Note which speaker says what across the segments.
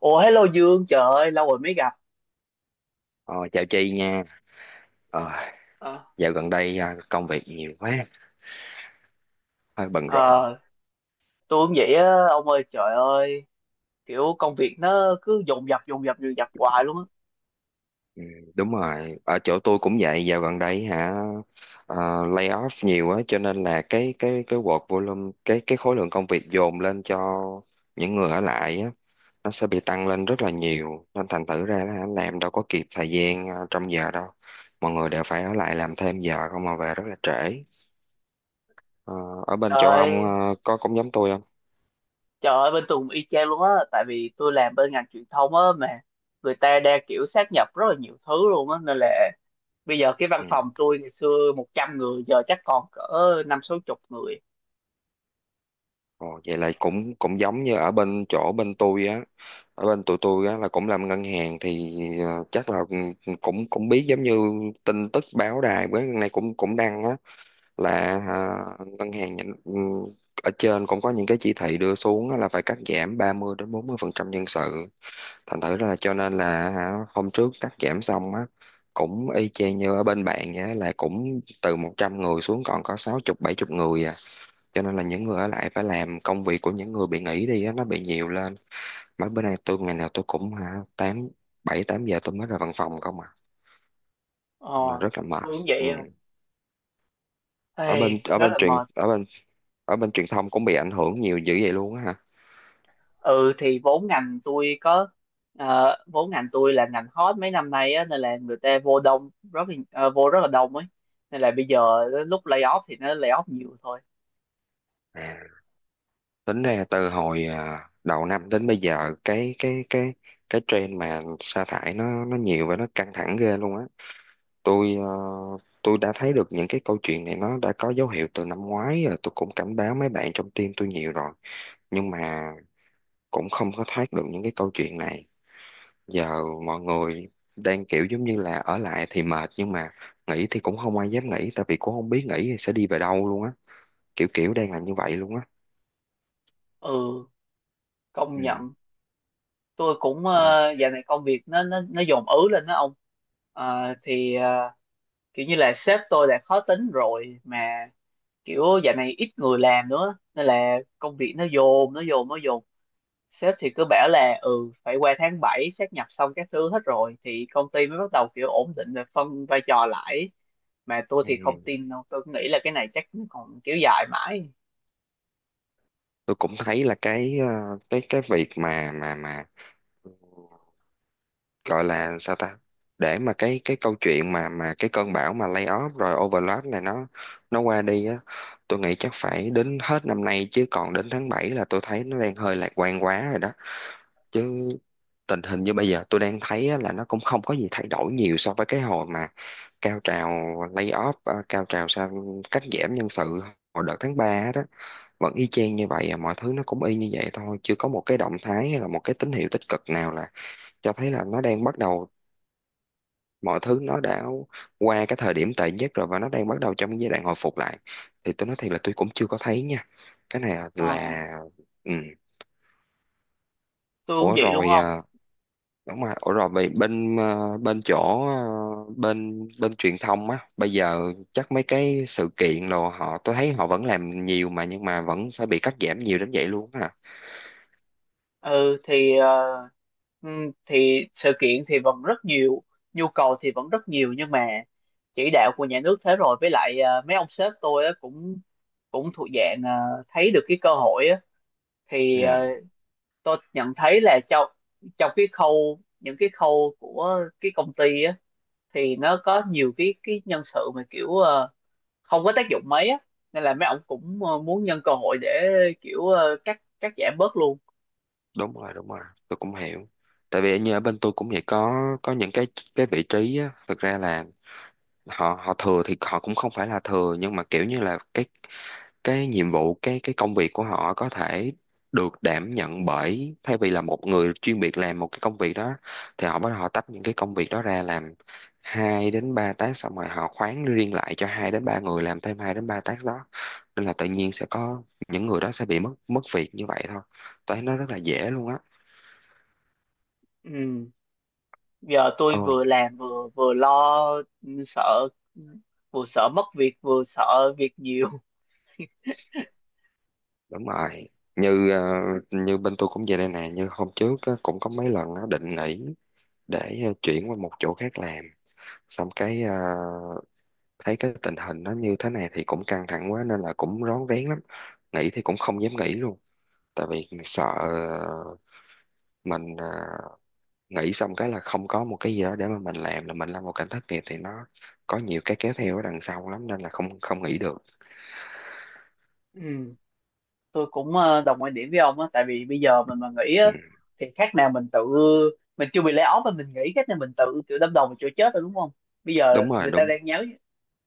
Speaker 1: Ủa, hello Dương, trời ơi lâu rồi mới gặp.
Speaker 2: Ờ, chào chị nha. Ờ,
Speaker 1: Ờ.
Speaker 2: dạo gần đây à, công việc nhiều quá, hơi bận rộn.
Speaker 1: Ờ, tôi cũng vậy á, ông ơi, trời ơi, kiểu công việc nó cứ dồn dập dồn dập dồn dập hoài luôn á.
Speaker 2: Ừ, đúng rồi, ở chỗ tôi cũng vậy. Dạo gần đây hả, lay off nhiều á, cho nên là cái work volume, cái khối lượng công việc dồn lên cho những người ở lại á, nó sẽ bị tăng lên rất là nhiều. Nên thành thử ra là làm đâu có kịp thời gian à, trong giờ đâu. Mọi người đều phải ở lại làm thêm giờ không mà về rất là trễ. Ờ, ở bên chỗ
Speaker 1: Trời
Speaker 2: ông
Speaker 1: ơi,
Speaker 2: à, có cũng giống tôi không?
Speaker 1: trời ơi bên Tùng y chang luôn á, tại vì tôi làm bên ngành truyền thông á mà người ta đang kiểu sát nhập rất là nhiều thứ luôn á, nên là bây giờ cái văn
Speaker 2: Ừ.
Speaker 1: phòng tôi ngày xưa 100 người giờ chắc còn cỡ năm sáu chục người.
Speaker 2: Ồ, vậy là cũng cũng giống như ở bên chỗ bên tôi á, ở bên tụi tôi á là cũng làm ngân hàng thì ờ, chắc là ừ, cũng cũng biết giống như tin tức báo đài với này cũng cũng đăng á, là à, ngân hàng nhà- ừm, ở trên cũng có những cái chỉ thị đưa xuống á, là phải cắt giảm 30 đến 40 phần trăm nhân sự, thành thử ra là cho nên là hả, hôm trước cắt giảm xong á, cũng y chang như ở bên bạn vậy á, là cũng từ 100 người xuống còn có sáu chục bảy chục người à, cho nên là những người ở lại phải làm công việc của những người bị nghỉ đi á, nó bị nhiều lên. Mấy bữa nay tôi ngày nào tôi cũng hả, tám bảy tám giờ tôi mới ra văn phòng không à,
Speaker 1: Ờ,
Speaker 2: là rất là mệt.
Speaker 1: tôi cũng
Speaker 2: Ừ.
Speaker 1: vậy á.
Speaker 2: ở
Speaker 1: Ê,
Speaker 2: bên ở
Speaker 1: rất
Speaker 2: bên
Speaker 1: là
Speaker 2: truyền
Speaker 1: mệt.
Speaker 2: ở bên Ở bên truyền thông cũng bị ảnh hưởng nhiều dữ vậy luôn á
Speaker 1: Ừ, thì vốn ngành tôi có vốn ngành tôi là ngành hot mấy năm nay á, nên là người ta vô rất là đông ấy, nên là bây giờ lúc lay off thì nó lay off nhiều thôi.
Speaker 2: hả? Tính ra từ hồi à, đầu năm đến bây giờ cái cái trend mà sa thải nó nhiều và nó căng thẳng ghê luôn á. tôi ờ, tôi đã thấy được những cái câu chuyện này nó đã có dấu hiệu từ năm ngoái rồi, tôi cũng cảnh báo mấy bạn trong team tôi nhiều rồi, nhưng mà cũng không có thoát được những cái câu chuyện này. Giờ mọi người đang kiểu giống như là ở lại thì mệt, nhưng mà nghỉ thì cũng không ai dám nghỉ, tại vì cũng không biết nghỉ thì sẽ đi về đâu luôn á, kiểu kiểu đang là như vậy luôn á.
Speaker 1: Ừ, công
Speaker 2: Ừ.
Speaker 1: nhận, tôi cũng
Speaker 2: Ờ.
Speaker 1: dạo này công việc nó dồn ứ lên đó ông. Ờ, thì ờ, Kiểu như là sếp tôi đã khó tính rồi mà, kiểu dạo này ít người làm nữa nên là công việc nó dồn. Sếp thì cứ bảo là ừ phải qua tháng 7 sáp nhập xong các thứ hết rồi thì công ty mới bắt đầu kiểu ổn định và phân vai trò lại, mà tôi thì không
Speaker 2: Ừ.
Speaker 1: tin đâu, tôi nghĩ là cái này chắc nó còn kéo dài mãi.
Speaker 2: Tôi cũng thấy là cái ờ, cái việc mà mà gọi là sao ta, để mà cái câu chuyện mà cái cơn bão mà layoff rồi overload này nó qua đi á, tôi nghĩ chắc phải đến hết năm nay, chứ còn đến tháng 7 là tôi thấy nó đang hơi lạc quan quá rồi đó. Chứ tình hình như bây giờ tôi đang thấy á, là nó cũng không có gì thay đổi nhiều so với cái hồi mà cao trào layoff, cao trào sao, cắt giảm nhân sự hồi đợt tháng 3, vẫn y chang như vậy à, mọi thứ nó cũng y như vậy thôi, chưa có một cái động thái hay là một cái tín hiệu tích cực nào là cho thấy là nó đang bắt đầu, mọi thứ nó đã qua cái thời điểm tệ nhất rồi và nó đang bắt đầu trong giai đoạn hồi phục lại, thì tôi nói thiệt là tôi cũng chưa có thấy nha, cái này
Speaker 1: Ờ,
Speaker 2: là ừ.
Speaker 1: tôi cũng
Speaker 2: Ủa
Speaker 1: vậy luôn
Speaker 2: rồi
Speaker 1: không.
Speaker 2: à, đúng rồi, ủa rồi vậy bên à, bên chỗ à, bên bên truyền thông á bây giờ chắc mấy cái sự kiện rồi họ, tôi thấy họ vẫn làm nhiều mà, nhưng mà vẫn phải bị cắt giảm nhiều đến vậy luôn á hả?
Speaker 1: ừ thì ờ, thì sự kiện thì vẫn rất nhiều, nhu cầu thì vẫn rất nhiều, nhưng mà chỉ đạo của nhà nước thế rồi, với lại mấy ông sếp tôi á cũng cũng thuộc dạng thấy được cái cơ hội á, thì ờ,
Speaker 2: Ừ,
Speaker 1: tôi nhận thấy là trong trong cái khâu, những cái khâu của cái công ty á, thì nó có nhiều cái nhân sự mà không có tác dụng mấy á, nên là mấy ông cũng muốn nhân cơ hội để cắt cắt giảm bớt luôn.
Speaker 2: đúng rồi đúng rồi. Tôi cũng hiểu, tại vì như ở bên tôi cũng vậy, có những cái vị trí á, thực ra là họ họ thừa thì họ cũng không phải là thừa, nhưng mà kiểu như là cái nhiệm vụ cái công việc của họ có thể được đảm nhận bởi thay vì là một người chuyên biệt làm một cái công việc đó, thì họ bắt đầu họ tách những cái công việc đó ra làm hai đến ba task, xong rồi họ khoán riêng lại cho hai đến ba người làm thêm hai đến ba task đó, nên là tự nhiên sẽ có những người đó sẽ bị mất mất việc như vậy thôi. Tôi thấy nó rất là dễ luôn á.
Speaker 1: Ừ. Giờ tôi
Speaker 2: Ôi,
Speaker 1: vừa làm vừa vừa lo. Ừ, sợ, vừa sợ mất việc vừa sợ việc nhiều.
Speaker 2: đúng rồi. Như ờ, như bên tôi cũng vậy đây nè, như hôm trước á, cũng có mấy lần á, định nghỉ để ờ, chuyển qua một chỗ khác làm. Xong cái ờ, thấy cái tình hình nó như thế này thì cũng căng thẳng quá nên là cũng rón rén lắm. Nghỉ thì cũng không dám nghỉ luôn, tại vì sợ ờ, mình ờ, nghỉ xong cái là không có một cái gì đó để mà mình làm, là mình lâm vào cảnh thất nghiệp thì nó có nhiều cái kéo theo ở đằng sau lắm, nên là không không nghỉ được.
Speaker 1: Ừ, tôi cũng đồng quan điểm với ông á, tại vì bây giờ mình mà nghỉ
Speaker 2: Ừ,
Speaker 1: á thì khác nào mình tự mình chưa bị lay off mà mình nghỉ khác nào mình tự kiểu đâm đầu vào chỗ chết rồi, đúng không? Bây giờ
Speaker 2: đúng rồi,
Speaker 1: người
Speaker 2: đúng,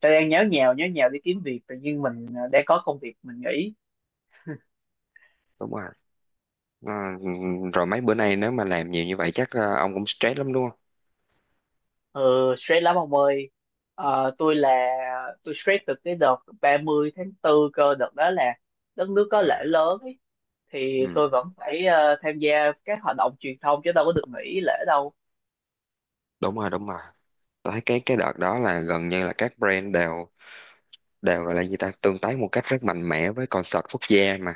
Speaker 1: ta đang nháo nhào đi kiếm việc, tự nhiên mình đang có công việc mình nghỉ.
Speaker 2: đúng rồi. Ờ, rồi mấy bữa nay nếu mà làm nhiều như vậy chắc ờ, ông cũng stress lắm đúng không?
Speaker 1: ờ Stress lắm ông ơi. Ờ, tôi là tôi stress từ cái đợt 30 tháng 4 cơ, đợt đó là đất nước có lễ
Speaker 2: À,
Speaker 1: lớn ấy. Thì tôi
Speaker 2: ừ,
Speaker 1: vẫn phải tham gia các hoạt động truyền thông chứ đâu có được nghỉ lễ đâu.
Speaker 2: đúng rồi đúng rồi. Tôi thấy cái đợt đó là gần như là các brand đều đều gọi là gì ta, tương tác một cách rất mạnh mẽ với concert quốc gia mà,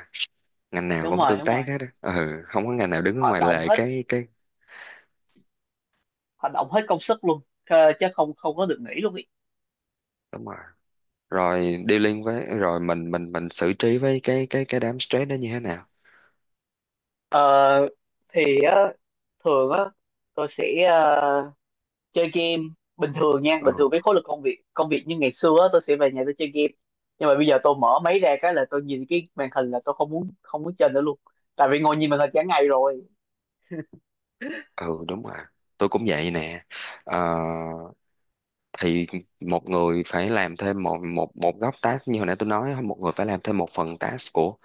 Speaker 2: ngành nào
Speaker 1: Đúng
Speaker 2: cũng
Speaker 1: rồi,
Speaker 2: tương
Speaker 1: đúng
Speaker 2: tác
Speaker 1: rồi,
Speaker 2: hết á. Ừ, không có ngành nào đứng ở
Speaker 1: hoạt
Speaker 2: ngoài
Speaker 1: động
Speaker 2: lề
Speaker 1: hết
Speaker 2: cái,
Speaker 1: hoạt động hết công sức luôn, chứ không không có được nghỉ luôn ý.
Speaker 2: đúng rồi. Rồi dealing với, rồi mình xử trí với cái đám stress đó như thế nào?
Speaker 1: Ờ, thì á, Thường á, tôi sẽ ờ, chơi game. Bình thường nha, bình
Speaker 2: Ừ,
Speaker 1: thường cái khối lực công việc như ngày xưa á, tôi sẽ về nhà tôi chơi game, nhưng mà bây giờ tôi mở máy ra cái là tôi nhìn cái màn hình là tôi không muốn chơi nữa luôn, tại vì ngồi nhìn màn hình cả ngày rồi.
Speaker 2: ừ đúng rồi. Tôi cũng vậy nè. Ờ, thì một người phải làm thêm một một một góc task, như hồi nãy tôi nói, một người phải làm thêm một phần task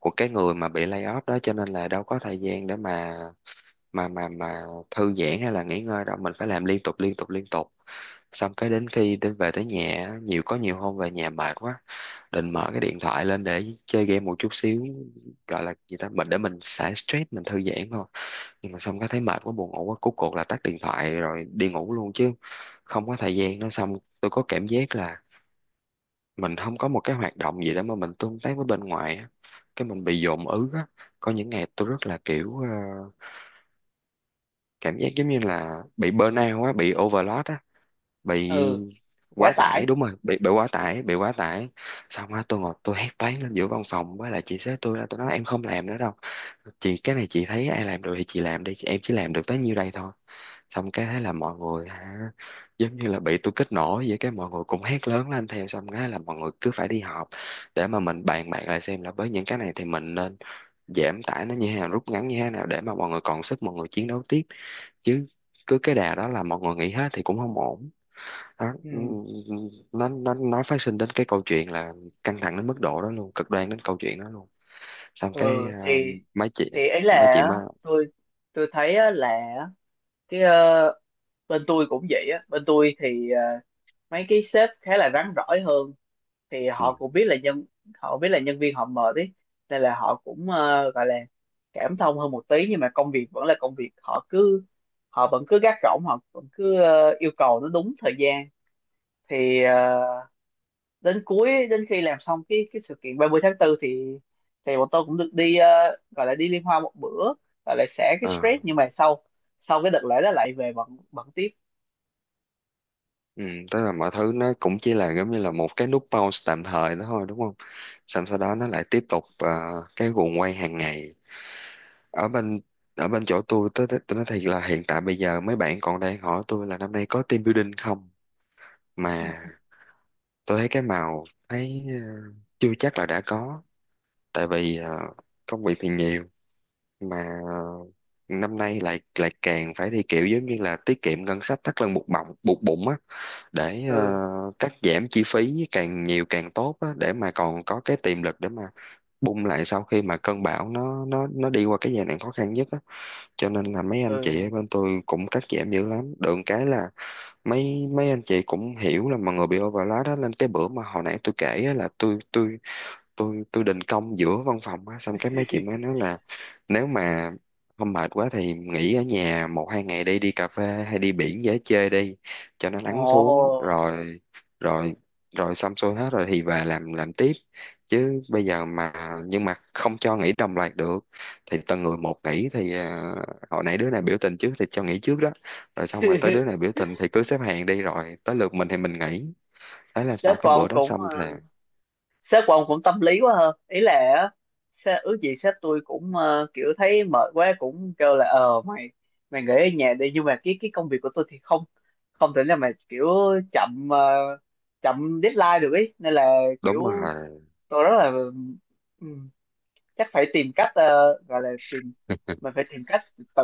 Speaker 2: của cái người mà bị lay off đó, cho nên là đâu có thời gian để mà mà mà mà thư giãn hay là nghỉ ngơi đâu, mình phải làm liên tục liên tục liên tục. Xong cái đến khi đến về tới nhà á, nhiều có nhiều hôm về nhà mệt quá, định mở cái điện thoại lên để chơi game một chút xíu, gọi là gì ta, mình để mình xả stress mình thư giãn thôi, nhưng mà xong cái thấy mệt quá buồn ngủ quá, cuối cùng là tắt điện thoại rồi đi ngủ luôn, chứ không có thời gian nữa. Xong tôi có cảm giác là mình không có một cái hoạt động gì để mà mình tương tác với bên ngoài á, cái mình bị dồn ứ á, có những ngày tôi rất là kiểu ờ, cảm giác giống như là bị burnout á, bị overload á, bị
Speaker 1: Ừ, quá
Speaker 2: quá
Speaker 1: tải.
Speaker 2: tải, đúng rồi, bị quá tải, bị quá tải. Xong á tôi ngồi tôi hét toáng lên giữa văn phòng với lại chị sếp tôi, là tôi nói em không làm nữa đâu chị, cái này chị thấy ai làm được thì chị làm đi, em chỉ làm được tới nhiêu đây thôi. Xong cái thế là mọi người hả, giống như là bị tôi kích nổ vậy, cái mọi người cũng hét lớn lên theo, xong cái là mọi người cứ phải đi họp để mà mình bàn bạc lại xem là với những cái này thì mình nên giảm tải nó như thế nào, rút ngắn như thế nào, để mà mọi người còn sức mọi người chiến đấu tiếp, chứ cứ cái đà đó là mọi người nghỉ hết thì cũng không ổn. Đó, ừ,
Speaker 1: Ừ.
Speaker 2: ừ, ừ. Nó nó phát sinh đến cái câu chuyện là căng thẳng đến mức độ đó luôn, cực đoan đến câu chuyện đó luôn. Xong cái
Speaker 1: ừ
Speaker 2: à,
Speaker 1: thì
Speaker 2: mấy chị,
Speaker 1: thì ấy là
Speaker 2: mấy chị
Speaker 1: á,
Speaker 2: mà
Speaker 1: tôi tôi thấy á là, á, cái ờ, bên tôi cũng vậy á, bên tôi thì mấy cái sếp khá là rắn rỏi hơn, thì
Speaker 2: ừ,
Speaker 1: họ cũng biết là nhân họ biết là nhân viên họ mệt ý, nên là họ cũng gọi là cảm thông hơn một tí, nhưng mà công việc vẫn là công việc. Họ vẫn cứ gác gỏng, họ vẫn cứ yêu cầu nó đúng thời gian. thì ờ, Đến khi làm xong cái sự kiện 30 tháng 4 thì bọn tôi cũng được đi gọi là đi liên hoan một bữa, gọi là xả cái
Speaker 2: ờ,
Speaker 1: stress, nhưng mà sau sau cái đợt lễ đó lại về bận bận tiếp.
Speaker 2: ừ, tức là mọi thứ nó cũng chỉ là giống như là một cái nút pause tạm thời đó thôi, đúng không? Xong sau đó nó lại tiếp tục à, cái guồng quay hàng ngày. ở bên Ở bên chỗ tôi, tôi nói thiệt là hiện tại bây giờ mấy bạn còn đang hỏi tôi là năm nay có team building không, mà tôi thấy cái màu thấy ờ, chưa chắc là đã có, tại vì ờ, công việc thì nhiều mà năm nay lại lại càng phải đi kiểu giống như là tiết kiệm ngân sách, thắt lưng buộc bụng á, để
Speaker 1: Ừ.
Speaker 2: ờ, cắt giảm chi phí càng nhiều càng tốt á, để mà còn có cái tiềm lực để mà bung lại sau khi mà cơn bão nó nó đi qua cái giai đoạn khó khăn nhất á, cho nên là mấy anh chị ở
Speaker 1: Ừ
Speaker 2: bên tôi cũng cắt giảm dữ lắm. Được cái là mấy mấy anh chị cũng hiểu là mọi người bị overload đó, nên cái bữa mà hồi nãy tôi kể á, là tôi tôi định công giữa văn phòng á, xong cái mấy chị mới nói là nếu mà không mệt quá thì nghỉ ở nhà một hai ngày, đi đi cà phê hay đi biển dễ chơi đi, cho nó
Speaker 1: Ồ.
Speaker 2: lắng xuống rồi, rồi rồi xong xuôi hết rồi thì về làm tiếp, chứ bây giờ mà, nhưng mà không cho nghỉ đồng loạt được, thì từng người một nghỉ thì à, hồi nãy đứa này biểu tình trước thì cho nghỉ trước đó, rồi xong rồi tới đứa này biểu tình thì cứ xếp hàng đi, rồi tới lượt mình thì mình nghỉ. Thế là
Speaker 1: sếp
Speaker 2: sau
Speaker 1: của
Speaker 2: cái bữa
Speaker 1: ông
Speaker 2: đó
Speaker 1: cũng
Speaker 2: xong
Speaker 1: ờ,
Speaker 2: thì
Speaker 1: Sếp của ông cũng tâm lý quá hơn ý là á, sếp, ước gì sếp tôi cũng kiểu thấy mệt quá cũng kêu là mày, nghỉ ở nhà đi, nhưng mà cái công việc của tôi thì không, không thể nào mà kiểu chậm ờ, chậm deadline được ý, nên là kiểu
Speaker 2: đúng rồi
Speaker 1: tôi rất là, ừ, chắc phải tìm cách ờ, gọi là tìm mình phải tìm cách tự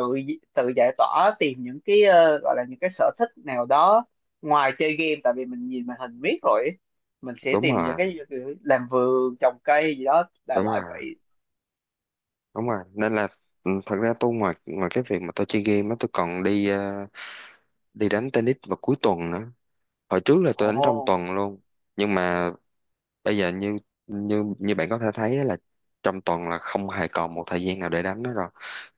Speaker 1: tự giải tỏa, tìm những cái gọi là những cái sở thích nào đó ngoài chơi game, tại vì mình nhìn màn hình miết rồi ấy. Mình sẽ
Speaker 2: đúng
Speaker 1: tìm những cái
Speaker 2: rồi,
Speaker 1: làm vườn trồng cây gì đó, đại
Speaker 2: đúng
Speaker 1: loại
Speaker 2: rồi
Speaker 1: vậy.
Speaker 2: đúng rồi, nên là ừ, thật ra tôi ngoài ngoài cái việc mà tôi chơi game á, tôi còn đi ờ, đi đánh tennis vào cuối tuần nữa, hồi trước là
Speaker 1: ồ
Speaker 2: tôi đánh trong tuần luôn, nhưng mà bây giờ như như như bạn có thể thấy á, là trong tuần là không hề còn một thời gian nào để đánh nữa rồi,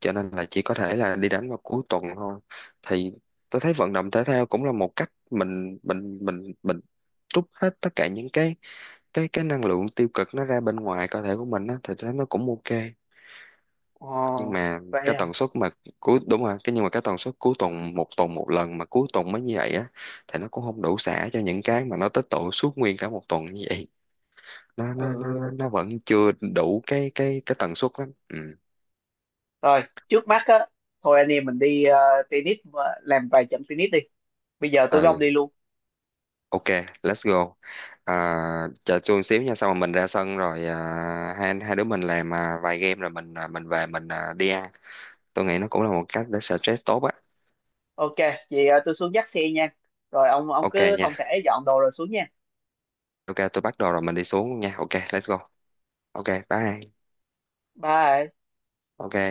Speaker 2: cho nên là chỉ có thể là đi đánh vào cuối tuần thôi. Thì tôi thấy vận động thể thao cũng là một cách mình trút hết tất cả những cái cái năng lượng tiêu cực nó ra bên ngoài cơ thể của mình á, thì tôi thấy nó cũng ok. Nhưng
Speaker 1: ồ
Speaker 2: mà
Speaker 1: vậy
Speaker 2: cái
Speaker 1: à.
Speaker 2: tần suất mà cuối, đúng rồi, cái nhưng mà cái tần suất cuối tuần, một tuần một lần mà cuối tuần mới như vậy á, thì nó cũng không đủ xả cho những cái mà nó tích tụ suốt nguyên cả một tuần như vậy, nó nó nó nó
Speaker 1: Ừ,
Speaker 2: nó vẫn chưa đủ cái tần suất lắm. Ừ,
Speaker 1: rồi trước mắt á, thôi anh em mình đi làm vài trận tennis đi, bây giờ tôi với
Speaker 2: ừ,
Speaker 1: ông đi luôn.
Speaker 2: ok let's go. À, chờ chút xíu nha, xong rồi mình ra sân, rồi à, hai hai đứa mình làm à, vài game, rồi mình à, mình về, mình à, đi ăn. Tôi nghĩ nó cũng là một cách để stress tốt á.
Speaker 1: Ok. Vậy tôi xuống dắt xe nha, rồi ông
Speaker 2: Ok
Speaker 1: cứ
Speaker 2: nha.
Speaker 1: thong thả dọn đồ rồi xuống nha.
Speaker 2: Ok tôi bắt đầu rồi, mình đi xuống nha. Ok let's go. Ok bye.
Speaker 1: Bye.
Speaker 2: Ok.